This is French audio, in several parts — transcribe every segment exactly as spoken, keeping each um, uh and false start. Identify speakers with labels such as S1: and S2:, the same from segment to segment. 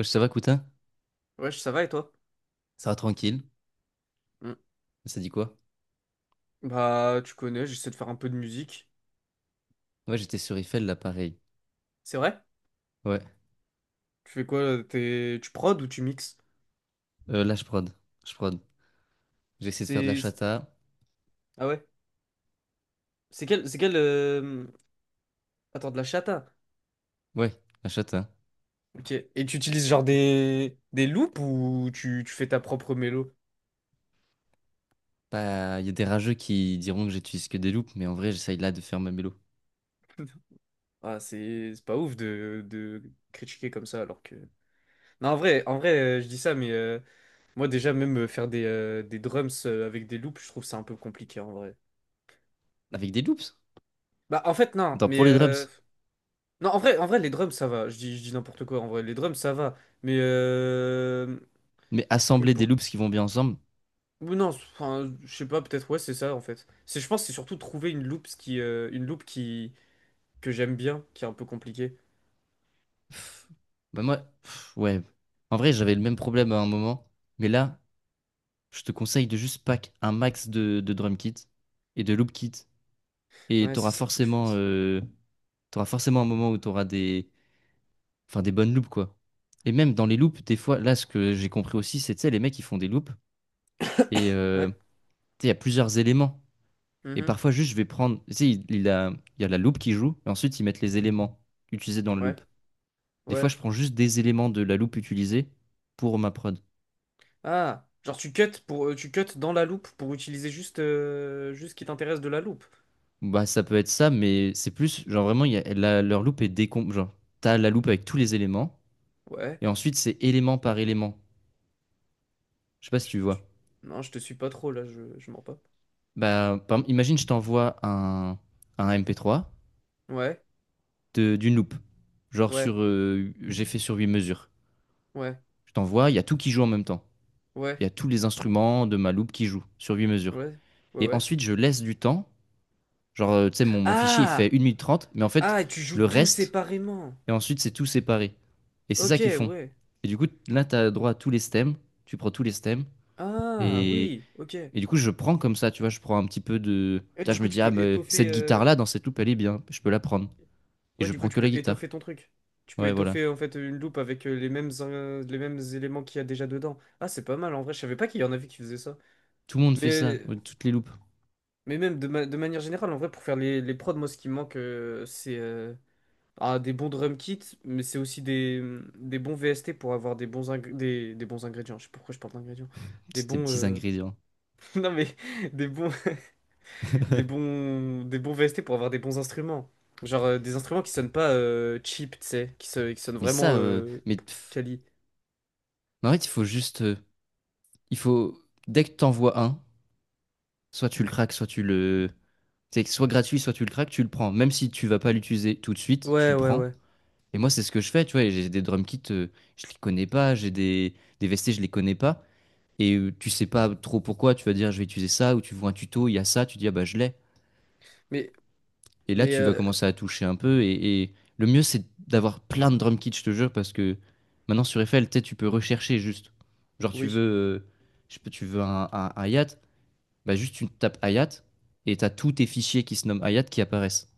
S1: Ouais, ça va, Coutin?
S2: Wesh, ça va et toi?
S1: Ça va tranquille?
S2: Mm.
S1: Ça dit quoi?
S2: Bah, tu connais, j'essaie de faire un peu de musique.
S1: Ouais, j'étais sur Eiffel, là, pareil.
S2: C'est vrai?
S1: Ouais.
S2: Tu fais quoi? Là T'es... Tu prod ou tu mixes?
S1: Euh, là, je prod. Je prod. J'ai essayé de faire de la
S2: C'est... c'est-
S1: chata.
S2: Ah ouais? C'est quel... C'est quel... euh, Attends, de la chata?
S1: Ouais, la chata.
S2: Ok. Et tu utilises genre des... Des loops ou tu, tu fais ta propre mélo?
S1: Bah, il y a des rageux qui diront que j'utilise que des loops, mais en vrai, j'essaye là de faire ma mélo.
S2: Ah, c'est c'est pas ouf de... de critiquer comme ça alors que... Non, en vrai, en vrai, euh, je dis ça, mais euh, moi déjà, même euh, faire des, euh, des drums euh, avec des loops, je trouve ça un peu compliqué en vrai.
S1: Avec des loops?
S2: Bah, en fait, non,
S1: Attends,
S2: mais...
S1: pour les
S2: euh,
S1: drums.
S2: non, en vrai, en vrai, les drums, ça va. Je dis, je dis n'importe quoi. En vrai, les drums, ça va. Mais euh,
S1: Mais
S2: c'est que
S1: assembler des
S2: pour.
S1: loops qui vont bien ensemble?
S2: Ou Non, c'est- enfin, je sais pas. Peut-être ouais, c'est ça en fait. C'est, je pense, que c'est surtout trouver une loop ce qui, euh, une loop qui que j'aime bien, qui est un peu compliquée.
S1: Pff, bah, moi, pff, ouais. En vrai, j'avais le même problème à un moment, mais là, je te conseille de juste pack un max de, de drum kit et de loop kit. Et
S2: Ouais, c'est
S1: t'auras
S2: ça qu'il faut que je
S1: forcément,
S2: fasse.
S1: euh, t'auras forcément un moment où t'auras des, enfin, des bonnes loupes, quoi. Et même dans les loupes, des fois, là, ce que j'ai compris aussi, c'est, tu sais, les mecs, ils font des loupes et euh,
S2: Ouais.
S1: tu sais, il y a plusieurs éléments. Et
S2: Mhm.
S1: parfois, juste, je vais prendre, tu sais, il, il a, il y a la loupe qui joue et ensuite, ils mettent les éléments utilisés dans la
S2: Ouais.
S1: loupe. Des fois,
S2: Ouais.
S1: je prends juste des éléments de la loupe utilisée pour ma prod.
S2: Ah, genre tu cut pour, euh, tu cut dans la loop pour utiliser juste, euh, juste ce qui t'intéresse de la loop.
S1: Bah, ça peut être ça, mais c'est plus, genre, vraiment, il y a, la- leur loupe est décom. Genre, t'as la loupe avec tous les éléments
S2: Ouais.
S1: et ensuite, c'est élément par élément. Je sais pas si
S2: Je-
S1: tu
S2: tu-
S1: vois.
S2: Non, je te suis pas trop là. Je, je mens pas.
S1: Bah, par exemple, imagine, je t'envoie un, un, M P trois
S2: Ouais.
S1: de- d'une loupe. Genre,
S2: Ouais.
S1: sur, euh, j'ai fait sur huit mesures.
S2: Ouais.
S1: Je t'envoie, il y a tout qui joue en même temps.
S2: Ouais.
S1: Il y a tous les instruments de ma loupe qui jouent sur huit mesures.
S2: Ouais. Ouais.
S1: Et
S2: Ouais.
S1: ensuite, je laisse du temps. Genre, euh, tu sais, mon, mon fichier, il fait
S2: Ah!
S1: une minute trente, mais en fait,
S2: Ah, tu joues
S1: le
S2: tout
S1: reste,
S2: séparément.
S1: et ensuite, c'est tout séparé. Et c'est
S2: Ok,
S1: ça qu'ils font.
S2: ouais.
S1: Et du coup, là, tu as droit à tous les stems. Tu prends tous les stems.
S2: Ah,
S1: Et,
S2: oui, ok. Et
S1: et du coup, je prends comme ça, tu vois, je prends un petit peu de. Tu vois,
S2: du
S1: je
S2: coup,
S1: me
S2: tu
S1: dis, ah,
S2: peux
S1: mais
S2: étoffer.
S1: cette
S2: Euh,
S1: guitare-là, dans cette loupe, elle est bien. Je peux la prendre. Et
S2: Ouais,
S1: je
S2: du coup,
S1: prends
S2: tu
S1: que la
S2: peux
S1: guitare.
S2: étoffer ton truc. Tu peux
S1: Ouais, voilà.
S2: étoffer en fait une loupe avec euh, les mêmes, euh, les mêmes éléments qu'il y a déjà dedans. Ah, c'est pas mal en vrai. Je savais pas qu'il y en avait qui faisaient ça.
S1: Tout le monde fait ça,
S2: Mais,
S1: euh, toutes les loupes.
S2: mais même de, ma- de manière générale, en vrai, pour faire les, les prods, moi, ce qui me manque, euh, c'est euh, ah, des bons drum kits, mais c'est aussi des, des bons V S T pour avoir des bons, ingr- des, des bons ingrédients. Je sais pas pourquoi je parle d'ingrédients. Des
S1: C'était
S2: bons.
S1: petits
S2: Euh,
S1: ingrédients.
S2: Non mais des bons des bons des bons V S T pour avoir des bons instruments. Genre euh, des instruments qui sonnent pas euh, cheap, tu sais, qui, se- qui sonnent
S1: Mais
S2: vraiment
S1: ça, euh,
S2: euh,
S1: mais pff,
S2: quali.
S1: en fait, il faut juste, euh, il faut dès que t'en vois un, soit tu le craques, soit tu le, c'est soit gratuit, soit tu le craques, tu le prends. Même si tu vas pas l'utiliser tout de suite, tu
S2: Ouais,
S1: le
S2: ouais,
S1: prends.
S2: ouais.
S1: Et moi, c'est ce que je fais, tu vois. Et j'ai des drum kits, euh, je les connais pas. J'ai des des V S T, je les connais pas. Et euh, tu sais pas trop pourquoi. Tu vas dire, je vais utiliser ça, ou tu vois un tuto, il y a ça, tu dis ah bah je l'ai.
S2: Mais
S1: Et là,
S2: mais
S1: tu vas
S2: euh,
S1: commencer à toucher un peu. Et, et le mieux, c'est d'avoir plein de drum kits, je te jure, parce que maintenant sur Eiffel, tu sais, tu peux rechercher juste. Genre, tu veux,
S2: oui,
S1: euh, je sais pas, tu veux un, un, un hi-hat, bah juste tu tapes hi-hat et t'as tous tes fichiers qui se nomment hi-hat qui apparaissent.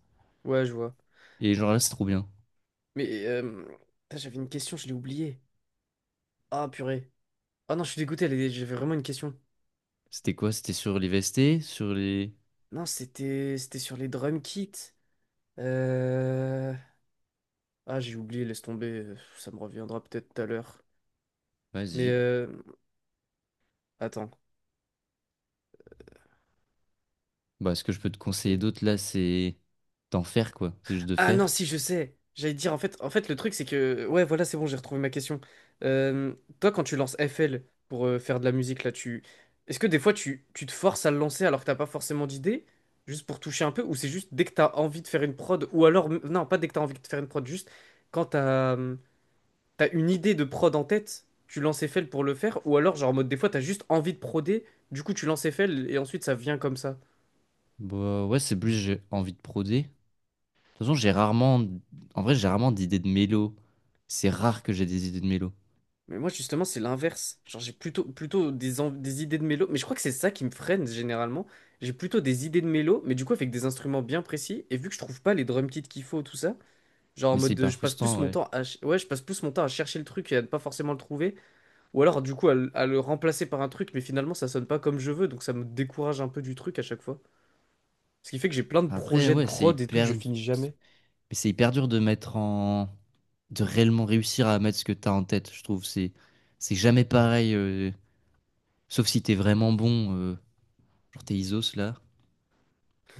S2: ouais, je vois.
S1: Et genre là, c'est trop bien.
S2: Mais euh, Putain, j'avais une question, je l'ai oubliée. Ah purée. Ah non, je suis dégoûté, elle est- j'avais vraiment une question.
S1: C'était quoi? C'était sur les V S T, sur les.
S2: Non, c'était c'était sur les drum kits. Euh... Ah, j'ai oublié, laisse tomber, euh, ça me reviendra peut-être tout à l'heure. Mais
S1: Vas-y.
S2: euh, Attends.
S1: Bah, ce que je peux te conseiller d'autre là, c'est d'en faire quoi. C'est juste de
S2: Ah non,
S1: faire.
S2: si, je sais. J'allais dire, en fait, en fait, le truc, c'est que... Ouais, voilà, c'est bon, j'ai retrouvé ma question. Euh, Toi, quand tu lances F L pour euh, faire de la musique, là, tu... Est-ce que des fois, tu, tu te forces à le lancer alors que t'as pas forcément d'idée, juste pour toucher un peu, ou c'est juste dès que t'as envie de faire une prod, ou alors... m- non, pas dès que t'as envie de faire une prod, juste quand t'as hum, t'as une idée de prod en tête, tu lances F L pour le faire, ou alors, genre, en mode, des fois, t'as juste envie de proder, du coup, tu lances F L, et ensuite, ça vient comme ça.
S1: Bah, ouais, c'est plus j'ai envie de prodé. Toute façon, j'ai rarement. En vrai, j'ai rarement d'idées de mélo. C'est rare que j'ai des idées de mélo.
S2: Mais moi, justement, c'est l'inverse. Genre, j'ai plutôt, plutôt des, en- des idées de mélo. Mais je crois que c'est ça qui me freine généralement. J'ai plutôt des idées de mélo, mais du coup, avec des instruments bien précis. Et vu que je trouve pas les drum kits qu'il faut, tout ça, genre en
S1: Mais c'est
S2: mode de-
S1: hyper
S2: je passe plus
S1: frustrant,
S2: mon
S1: ouais.
S2: temps à, ch- ouais, je passe plus mon temps à chercher le truc et à ne pas forcément le trouver. Ou alors, du coup, à, le à le remplacer par un truc, mais finalement, ça sonne pas comme je veux. Donc, ça me décourage un peu du truc à chaque fois. Ce qui fait que j'ai plein de
S1: Après,
S2: projets de
S1: ouais, c'est
S2: prod et tout que je
S1: hyper.
S2: finis jamais.
S1: Mais c'est hyper dur de mettre en. De réellement réussir à mettre ce que t'as en tête, je trouve. C'est c'est jamais pareil. euh, Sauf si t'es vraiment bon. euh, Genre t'es Isos là.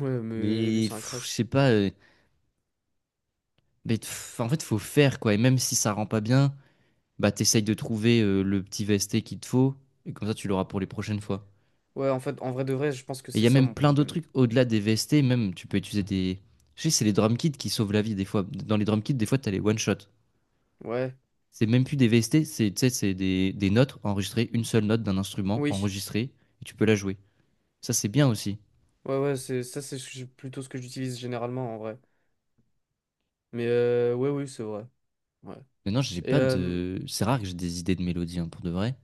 S2: Ouais, mais lui,
S1: Mais
S2: c'est un
S1: pff, je
S2: crack.
S1: sais pas. euh, Mais pff, en fait, faut faire quoi. Et même si ça rend pas bien, bah t'essayes de trouver euh, le petit vesté qu'il te faut. Et comme ça, tu l'auras pour les prochaines fois.
S2: Ouais, en fait, en vrai de vrai, je pense que
S1: Et il
S2: c'est
S1: y a
S2: ça
S1: même
S2: mon
S1: plein d'autres
S2: problème.
S1: trucs au-delà des V S T, même tu peux utiliser des. Je sais, c'est les drum kits qui sauvent la vie des fois. Dans les drum kits, des fois, t'as les one-shot.
S2: Ouais.
S1: C'est même plus des V S T, c'est tu sais, c'est des, des notes enregistrées, une seule note d'un instrument
S2: Oui.
S1: enregistrée, et tu peux la jouer. Ça, c'est bien aussi.
S2: Ouais, ouais, c'est ça, c'est ce que j'ai- plutôt ce que j'utilise généralement en vrai. Mais euh, ouais, oui, c'est vrai. Ouais.
S1: Maintenant, j'ai
S2: Et
S1: pas
S2: euh,
S1: de. C'est rare que j'ai des idées de mélodie, hein, pour de vrai.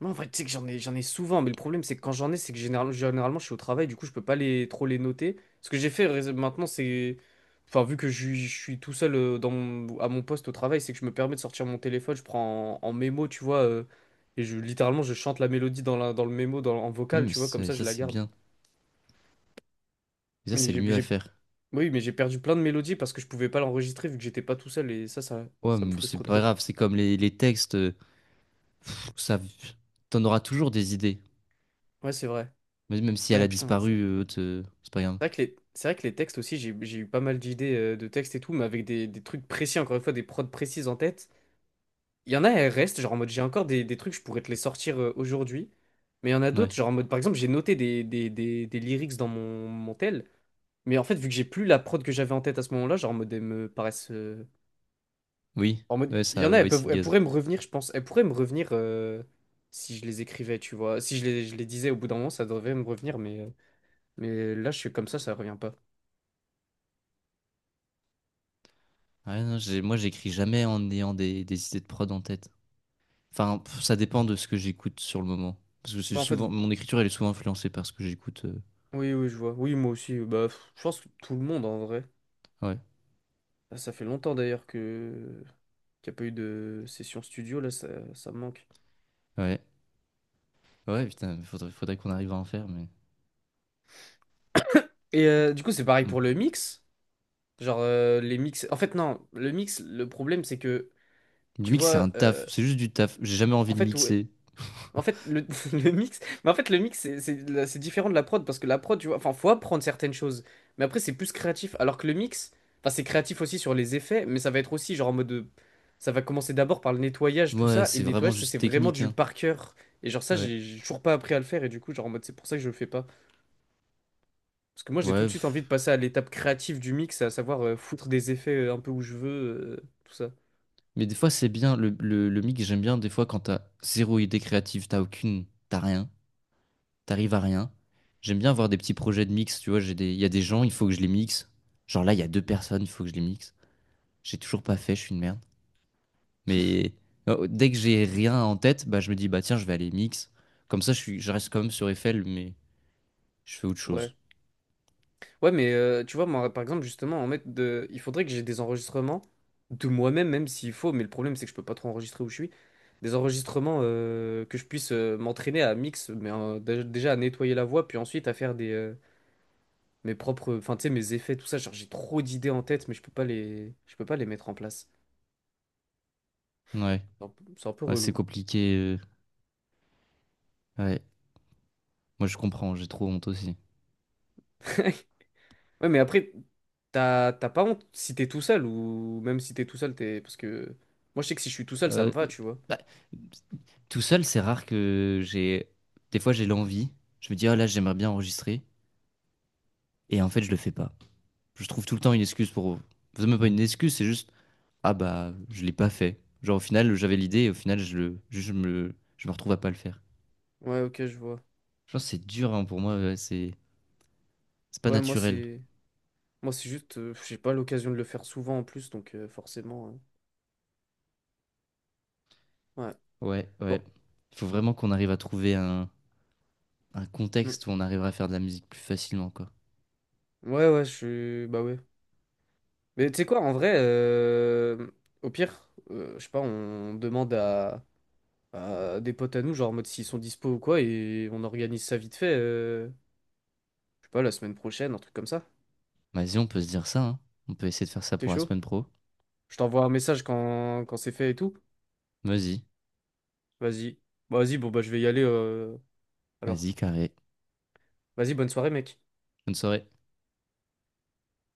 S2: moi, en vrai, tu sais que j'en ai, j'en ai souvent, mais le problème, c'est que quand j'en ai, c'est que généralement, généralement, je suis au travail, du coup, je peux pas les, trop les noter. Ce que j'ai fait rés- maintenant, c'est. Enfin, vu que je, suis je suis tout seul euh, dans mon- à mon poste au travail, c'est que je me permets de sortir mon téléphone, je prends en, en mémo, tu vois, euh, et je littéralement, je chante la mélodie dans, la, dans le mémo, dans, en vocal,
S1: Mmh. Mais
S2: tu vois, comme
S1: ça,
S2: ça, je
S1: ça,
S2: la
S1: c'est
S2: garde.
S1: bien. Et ça,
S2: Mais
S1: c'est le
S2: j'ai
S1: mieux à
S2: j'ai
S1: faire.
S2: Oui, mais j'ai perdu plein de mélodies parce que je pouvais pas l'enregistrer vu que j'étais pas tout seul et ça, ça,
S1: Ouais,
S2: ça me
S1: mais c'est
S2: frustre
S1: pas
S2: trop.
S1: grave, c'est comme les, les textes. Euh, pff, ça, t'en auras toujours des idées.
S2: Ouais, c'est vrai.
S1: Mais même si elle
S2: Ben
S1: a
S2: putain, c'est
S1: disparu, euh, te- c'est pas grave.
S2: c'est vrai que les, c'est vrai que les textes aussi, j'ai, j'ai eu pas mal d'idées euh, de textes et tout, mais avec des, des trucs précis, encore une fois, des prods précises en tête. Il y en a, elles restent, genre en mode j'ai encore des, des trucs, je pourrais te les sortir euh, aujourd'hui. Mais il y en a d'autres,
S1: Ouais.
S2: genre en mode par exemple, j'ai noté des, des, des, des lyrics dans mon, mon tel, mais en fait, vu que j'ai plus la prod que j'avais en tête à ce moment-là, genre en mode elles me paraissent euh,
S1: Oui,
S2: en mode,
S1: ouais,
S2: il y en
S1: ça,
S2: a, elles
S1: oui,
S2: peuvent,
S1: c'est
S2: elles
S1: gaz.
S2: pourraient me revenir, je pense. Elles pourraient me revenir euh, si je les écrivais, tu vois. Si je les, je les disais au bout d'un moment, ça devrait me revenir, mais, euh, mais là, je suis comme ça, ça revient pas.
S1: Ouais, non, j'ai- moi, j'écris jamais en ayant des, des idées de prod en tête. Enfin, pff, ça dépend de ce que j'écoute sur le moment. Parce que c'est
S2: Bah, en fait,
S1: souvent,
S2: vous-
S1: mon écriture, elle est souvent influencée par ce que j'écoute. euh,
S2: oui, oui, je vois. Oui, moi aussi. euh, Bah, pff, je pense que tout le monde, en vrai.
S1: Ouais,
S2: Là, ça fait longtemps, d'ailleurs, que qu'il n'y a pas eu de session studio, là, ça, ça me manque.
S1: ouais, ouais, putain, faudrait, faudrait qu'on arrive à en faire, mais.
S2: Et euh, du coup, c'est pareil
S1: Mm.
S2: pour le mix. Genre, euh, les mix... En fait, non, le mix, le problème, c'est que,
S1: Le
S2: tu
S1: mix, c'est un
S2: vois, euh,
S1: taf, c'est juste du taf. J'ai jamais
S2: en
S1: envie de
S2: fait, ouais,
S1: mixer.
S2: En fait, le, le mix, mais en fait, le mix, c'est c'est la- c'est différent de la prod parce que la prod, tu vois, enfin, faut apprendre certaines choses, mais après, c'est plus créatif. Alors que le mix, enfin, c'est créatif aussi sur les effets, mais ça va être aussi genre en mode, de- ça va commencer d'abord par le nettoyage, tout
S1: Ouais,
S2: ça, et
S1: c'est
S2: le
S1: vraiment
S2: nettoyage, c'est c'est
S1: juste
S2: vraiment
S1: technique,
S2: du
S1: hein.
S2: par cœur. Et genre ça,
S1: Ouais,
S2: j'ai j'ai toujours pas appris à le faire, et du coup, genre en mode, c'est pour ça que je le fais pas. Parce que moi, j'ai tout
S1: ouais.
S2: de suite
S1: Pff.
S2: envie de passer à l'étape créative du mix, à savoir euh, foutre des effets euh, un peu où je veux, euh, tout ça.
S1: Mais des fois, c'est bien, le, le, le mix, j'aime bien, des fois, quand t'as zéro idée créative, t'as aucune, t'as rien. T'arrives à rien. J'aime bien avoir des petits projets de mix, tu vois, j'ai des. Il y a des gens, il faut que je les mixe. Genre là, il y a deux personnes, il faut que je les mixe. J'ai toujours pas fait, je suis une merde. Mais euh, dès que j'ai rien en tête, bah je me dis, bah tiens, je vais aller mix. Comme ça, je suis... je reste quand même sur Eiffel, mais je fais autre
S2: Ouais.
S1: chose.
S2: Ouais, mais euh, tu vois, moi, par exemple, justement, en mettre de... il faudrait que j'ai des enregistrements de moi-même, même s'il faut, mais le problème, c'est que je peux pas trop enregistrer où je suis. Des enregistrements euh, que je puisse euh, m'entraîner à mix, mais euh, dé- déjà à nettoyer la voix, puis ensuite à faire des euh, mes propres, enfin, tu sais, mes effets, tout ça. Genre, j'ai trop d'idées en tête, mais je peux pas les, je peux pas les mettre en place.
S1: Ouais,
S2: C'est un peu c'est un peu
S1: ouais, c'est
S2: relou.
S1: compliqué. euh, Ouais, moi je comprends, j'ai trop honte aussi.
S2: Ouais, mais après, t'as t'as pas honte si t'es tout seul, ou même si t'es tout seul, t'es... Parce que moi, je sais que si je suis tout seul, ça me
S1: Euh,
S2: va, tu vois.
S1: bah, tout seul, c'est rare que j'ai. Des fois, j'ai l'envie. Je me dis, ah là, j'aimerais bien enregistrer. Et en fait, je le fais pas. Je trouve tout le temps une excuse pour. C'est même pas une excuse, c'est juste ah bah je l'ai pas fait. Genre au final j'avais l'idée et au final je le je je me je me retrouve à pas le faire.
S2: Ouais, ok, je vois.
S1: Je pense que c'est dur hein, pour moi, ouais, c'est c'est pas
S2: Ouais, moi,
S1: naturel.
S2: c'est... Moi, c'est juste, euh, j'ai pas l'occasion de le faire souvent en plus, donc euh, forcément. Euh, ouais.
S1: Ouais, ouais.
S2: Bon.
S1: Il faut vraiment qu'on arrive à trouver un un
S2: Mm.
S1: contexte où on arrivera à faire de la musique plus facilement quoi.
S2: Ouais, ouais, je suis. Bah ouais. Mais tu sais quoi, en vrai, euh, au pire, euh, je sais pas, on demande à, à des potes à nous, genre en mode s'ils sont dispo ou quoi, et on organise ça vite fait. Euh, je sais pas, la semaine prochaine, un truc comme ça.
S1: Vas-y, on peut se dire ça, hein. On peut essayer de faire ça
S2: T'es
S1: pour la
S2: chaud?
S1: semaine pro.
S2: Je t'envoie un message quand, quand c'est fait et tout.
S1: Vas-y,
S2: Vas-y. Bah, Vas-y, bon, bah je vais y aller euh, alors.
S1: vas-y, carré.
S2: Vas-y, bonne soirée, mec.
S1: Bonne soirée.